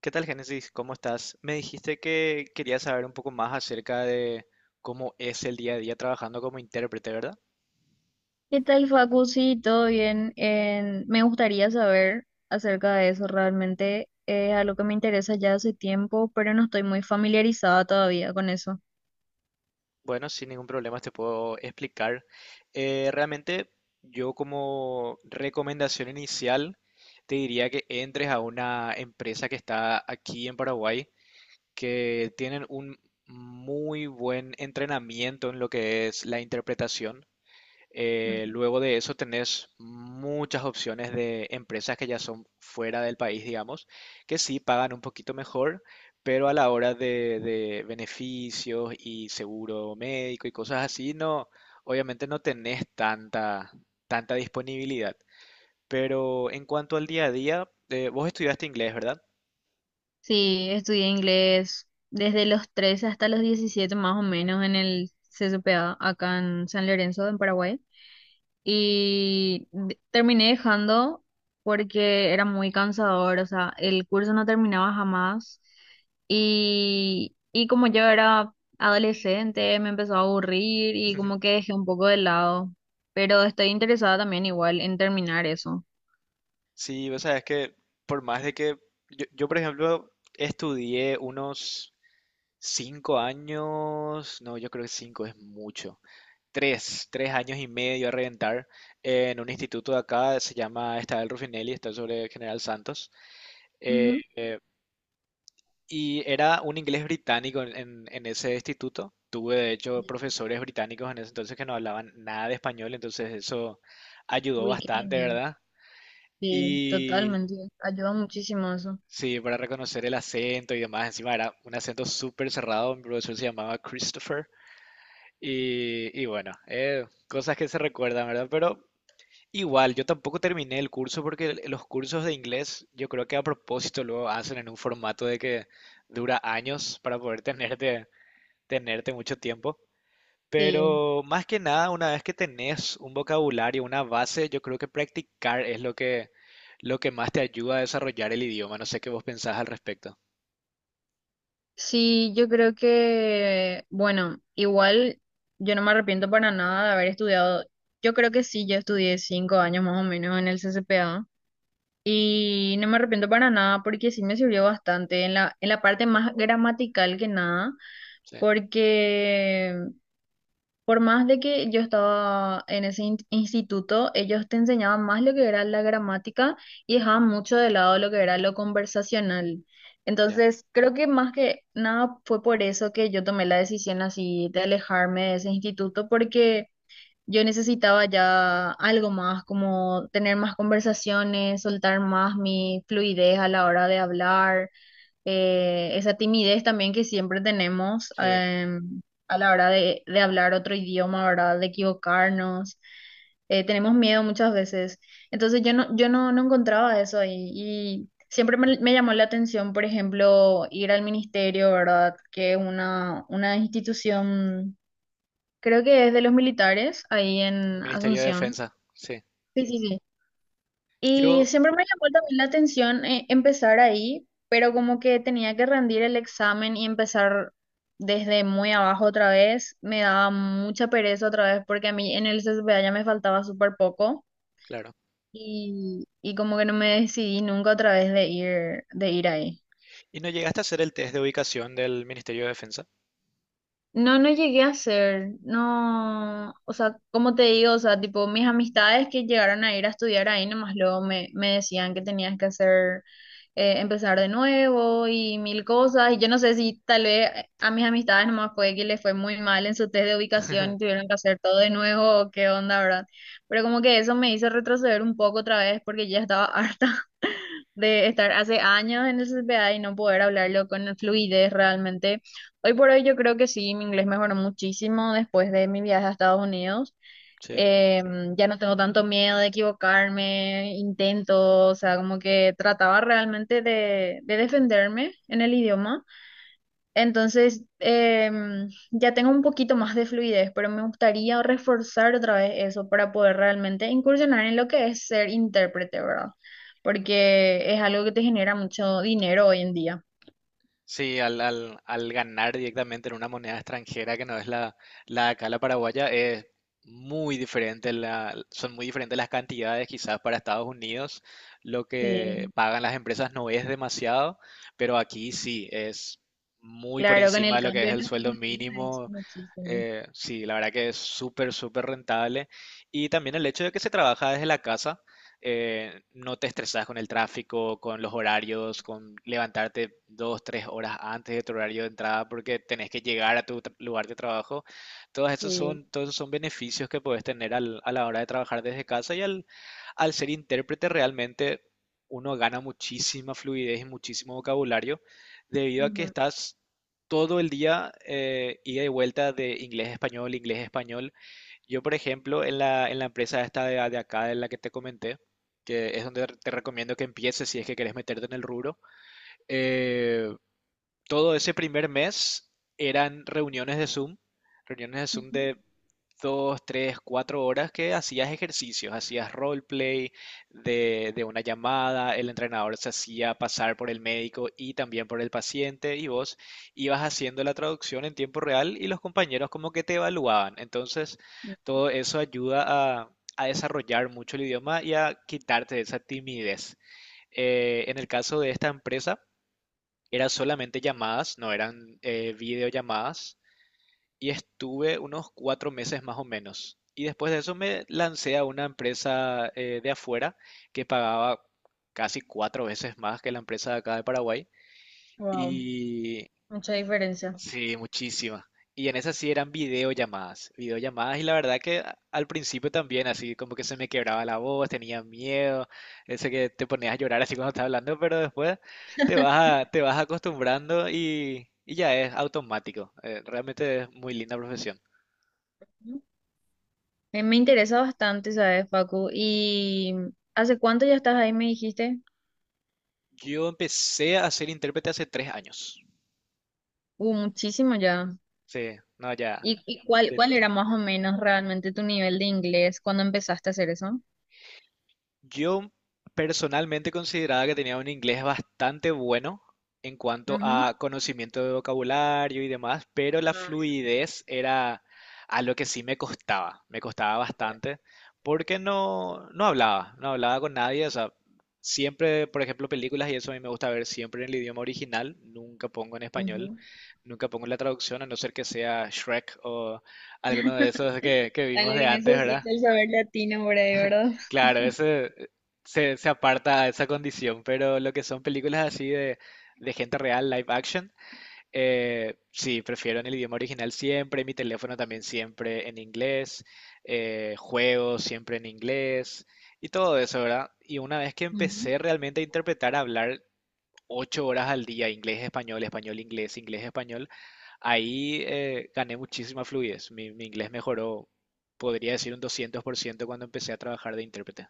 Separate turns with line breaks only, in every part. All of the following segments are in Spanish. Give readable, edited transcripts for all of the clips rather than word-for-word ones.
¿Qué tal, Génesis? ¿Cómo estás? Me dijiste que querías saber un poco más acerca de cómo es el día a día trabajando como intérprete, ¿verdad?
¿Qué tal, Facu? Sí, todo bien. Me gustaría saber acerca de eso realmente. Es algo que me interesa ya hace tiempo, pero no estoy muy familiarizada todavía con eso.
Bueno, sin ningún problema te puedo explicar. Realmente yo, como recomendación inicial, te diría que entres a una empresa que está aquí en Paraguay, que tienen un muy buen entrenamiento en lo que es la interpretación. Eh,
Ujú.
luego de eso tenés muchas opciones de empresas que ya son fuera del país, digamos, que sí pagan un poquito mejor, pero a la hora de beneficios y seguro médico y cosas así, no, obviamente no tenés tanta disponibilidad. Pero en cuanto al día a día, vos estudiaste inglés, ¿verdad?
Sí, estudié inglés desde los 13 hasta los 17 más o menos en el CCPA acá en San Lorenzo, en Paraguay. Terminé dejando porque era muy cansador, o sea, el curso no terminaba jamás y como yo era adolescente me empezó a aburrir y como que dejé un poco de lado, pero estoy interesada también igual en terminar eso.
Sí, vos sabés que por más de que yo, por ejemplo, estudié unos 5 años, no, yo creo que cinco es mucho. Tres años y medio a reventar en un instituto de acá, se llama Estadio Ruffinelli, está sobre General Santos. Eh,
Ujú.
eh, y era un inglés británico en ese instituto. Tuve, de hecho, profesores británicos en ese entonces que no hablaban nada de español, entonces eso ayudó
Uy, qué
bastante,
genial.
¿verdad?
Sí,
Y
totalmente. Ayuda muchísimo eso.
sí, para reconocer el acento y demás, encima era un acento súper cerrado, mi profesor se llamaba Christopher. Y bueno, cosas que se recuerdan, ¿verdad? Pero igual, yo tampoco terminé el curso porque los cursos de inglés yo creo que a propósito lo hacen en un formato de que dura años para poder tenerte mucho tiempo.
Sí.
Pero más que nada, una vez que tenés un vocabulario, una base, yo creo que practicar es lo que más te ayuda a desarrollar el idioma. No sé qué vos pensás al respecto.
Sí, yo creo que, bueno, igual yo no me arrepiento para nada de haber estudiado. Yo creo que sí, yo estudié 5 años más o menos en el CCPA y no me arrepiento para nada porque sí me sirvió bastante en la parte más gramatical que nada,
Sí,
porque por más de que yo estaba en ese instituto, ellos te enseñaban más lo que era la gramática y dejaban mucho de lado lo que era lo conversacional.
ya.
Entonces, creo que más que nada fue por eso que yo tomé la decisión así de alejarme de ese instituto, porque yo necesitaba ya algo más, como tener más conversaciones, soltar más mi fluidez a la hora de hablar esa timidez también que siempre tenemos
Sí,
a la hora de hablar otro idioma, ¿verdad? De equivocarnos. Tenemos miedo muchas veces. Entonces yo no encontraba eso ahí y siempre me llamó la atención, por ejemplo, ir al ministerio, ¿verdad? Que es una institución, creo que es de los militares ahí en
Ministerio de
Asunción.
Defensa. Sí.
Sí, sí, sí. Y
Yo,
siempre me llamó también la atención empezar ahí, pero como que tenía que rendir el examen y empezar desde muy abajo otra vez, me daba mucha pereza otra vez porque a mí en el CCPA ya me faltaba súper poco
claro.
y como que no me decidí nunca otra vez de ir ahí.
¿Y no llegaste a hacer el test de ubicación del Ministerio de Defensa?
No, no llegué a hacer, no, o sea, como te digo, o sea, tipo, mis amistades que llegaron a ir a estudiar ahí, nomás luego me decían que tenías que hacer, empezar de nuevo y mil cosas, y yo no sé si tal vez a mis amistades nomás fue que les fue muy mal en su test de ubicación y tuvieron que hacer todo de nuevo, o qué onda, ¿verdad? Pero como que eso me hizo retroceder un poco otra vez porque ya estaba harta de estar hace años en el CPA y no poder hablarlo con fluidez realmente. Hoy por hoy yo creo que sí, mi inglés mejoró muchísimo después de mi viaje a Estados Unidos.
Sí.
Eh, ya no tengo tanto miedo de equivocarme, intento, o sea, como que trataba realmente de defenderme en el idioma. Entonces, ya tengo un poquito más de fluidez, pero me gustaría reforzar otra vez eso para poder realmente incursionar en lo que es ser intérprete, ¿verdad? Porque es algo que te genera mucho dinero hoy en día.
Sí, al ganar directamente en una moneda extranjera que no es la de acá, la paraguaya, es muy diferente, son muy diferentes las cantidades quizás para Estados Unidos, lo que
Sí.
pagan las empresas no es demasiado, pero aquí sí, es muy por
Claro, con
encima
el
de lo que es
cambio de
el
nuestra
sueldo
moneda es
mínimo.
muchísimo.
Sí, la verdad que es súper, súper rentable. Y también el hecho de que se trabaja desde la casa. No te estresas con el tráfico, con los horarios, con levantarte 2, 3 horas antes de tu horario de entrada porque tenés que llegar a tu lugar de trabajo.
Sí.
Todos esos son beneficios que puedes tener a la hora de trabajar desde casa y al ser intérprete realmente uno gana muchísima fluidez y muchísimo vocabulario debido a que estás todo el día ida y vuelta de inglés a español, inglés a español. Yo, por ejemplo, en en la empresa esta de acá, de la que te comenté, que es donde te recomiendo que empieces si es que querés meterte en el rubro, eh, todo ese primer mes eran reuniones de Zoom de dos, tres, 4 horas, que hacías ejercicios, hacías roleplay de una llamada, el entrenador se hacía pasar por el médico y también por el paciente y vos ibas haciendo la traducción en tiempo real y los compañeros como que te evaluaban. Entonces, todo eso ayuda a, a desarrollar mucho el idioma y a quitarte esa timidez. En el caso de esta empresa, eran solamente llamadas, no eran videollamadas, y estuve unos 4 meses más o menos. Y después de eso me lancé a una empresa de afuera que pagaba casi 4 veces más que la empresa de acá de Paraguay.
Wow,
Y
mucha diferencia.
sí, muchísima. Y en esas sí eran videollamadas, videollamadas, y la verdad que al principio también, así como que se me quebraba la voz, tenía miedo, ese que te ponías a llorar así cuando estás hablando, pero después te vas te vas acostumbrando y ya es automático. Realmente es muy linda profesión.
Ujú. Me interesa bastante, ¿sabes, Facu? ¿Y hace cuánto ya estás ahí, me dijiste?
Yo empecé a ser intérprete hace 3 años.
Muchísimo ya.
Sí, no, ya.
¿Y cuál era más o menos realmente tu nivel de inglés cuando empezaste a hacer eso?
Yo personalmente consideraba que tenía un inglés bastante bueno en cuanto
Ujú.
a conocimiento de vocabulario y demás, pero la
Ah,
fluidez era a lo que sí me costaba bastante, porque no, no hablaba, no hablaba con nadie, o sea, siempre, por ejemplo, películas y eso a mí me gusta ver siempre en el idioma original, nunca pongo en español,
ujú.
nunca pongo la traducción, a no ser que sea Shrek o alguno de esos que
A lo
vimos de
que
antes, ¿verdad?
necesita el saber latino por ahí, ¿verdad?
Claro, ese se aparta a esa condición, pero lo que son películas así de gente real, live action, sí, prefiero en el idioma original siempre, mi teléfono también siempre en inglés, juegos siempre en inglés y todo eso, ¿verdad? Y una vez que empecé realmente a interpretar, a hablar 8 horas al día, inglés, español, español, inglés, inglés, español, ahí gané muchísima fluidez, mi inglés mejoró, podría decir un 200% cuando empecé a trabajar de intérprete.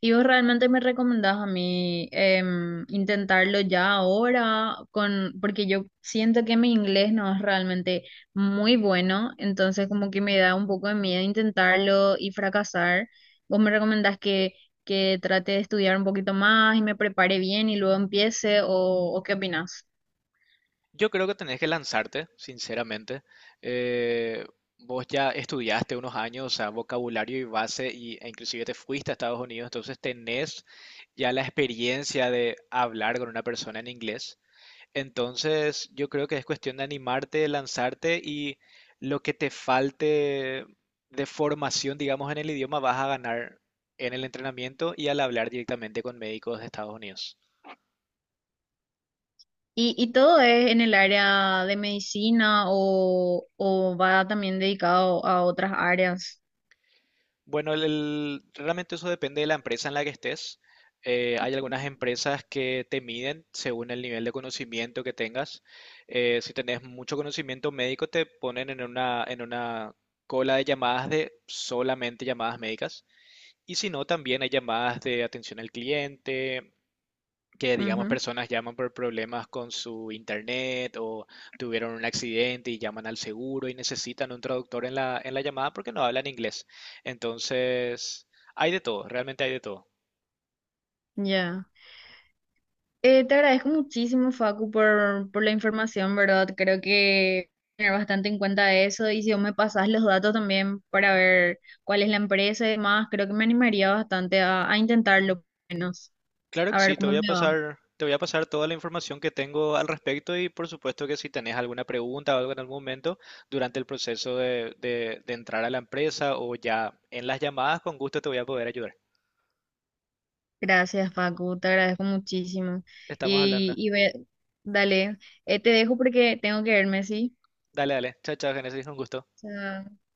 ¿Y vos realmente me recomendás a mí intentarlo ya ahora? Porque yo siento que mi inglés no es realmente muy bueno, entonces como que me da un poco de miedo intentarlo y fracasar. ¿Vos me recomendás que trate de estudiar un poquito más y me prepare bien y luego empiece? ¿O qué opinás?
Yo creo que tenés que lanzarte, sinceramente. Eh, vos ya estudiaste unos años, o sea, vocabulario y base, e inclusive te fuiste a Estados Unidos, entonces tenés ya la experiencia de hablar con una persona en inglés. Entonces, yo creo que es cuestión de animarte, lanzarte y lo que te falte de formación, digamos, en el idioma, vas a ganar en el entrenamiento y al hablar directamente con médicos de Estados Unidos.
¿Y todo es en el área de medicina o va también dedicado a otras áreas?
Bueno, realmente eso depende de la empresa en la que estés. Hay algunas empresas que te miden según el nivel de conocimiento que tengas. Si tenés mucho conocimiento médico, te ponen en una cola de llamadas, de solamente llamadas médicas. Y si no, también hay llamadas de atención al cliente, que digamos
Ujú,
personas llaman por problemas con su internet o tuvieron un accidente y llaman al seguro y necesitan un traductor en en la llamada porque no hablan inglés. Entonces, hay de todo, realmente hay de todo.
Ya. Te agradezco muchísimo, Facu, por la información, ¿verdad? Creo que tener bastante en cuenta eso y si vos me pasás los datos también para ver cuál es la empresa y demás, creo que me animaría bastante a intentarlo, por lo menos,
Claro que
a
sí,
ver
te
cómo
voy a
me va.
pasar, te voy a pasar toda la información que tengo al respecto y por supuesto que si tenés alguna pregunta o algo en algún momento durante el proceso de entrar a la empresa o ya en las llamadas, con gusto te voy a poder ayudar.
Gracias, Facu, te agradezco muchísimo.
Estamos hablando.
Y, y ve- dale, te dejo porque tengo que irme, ¿sí?
Dale, dale. Chao, chao, Génesis, un gusto.
Chao.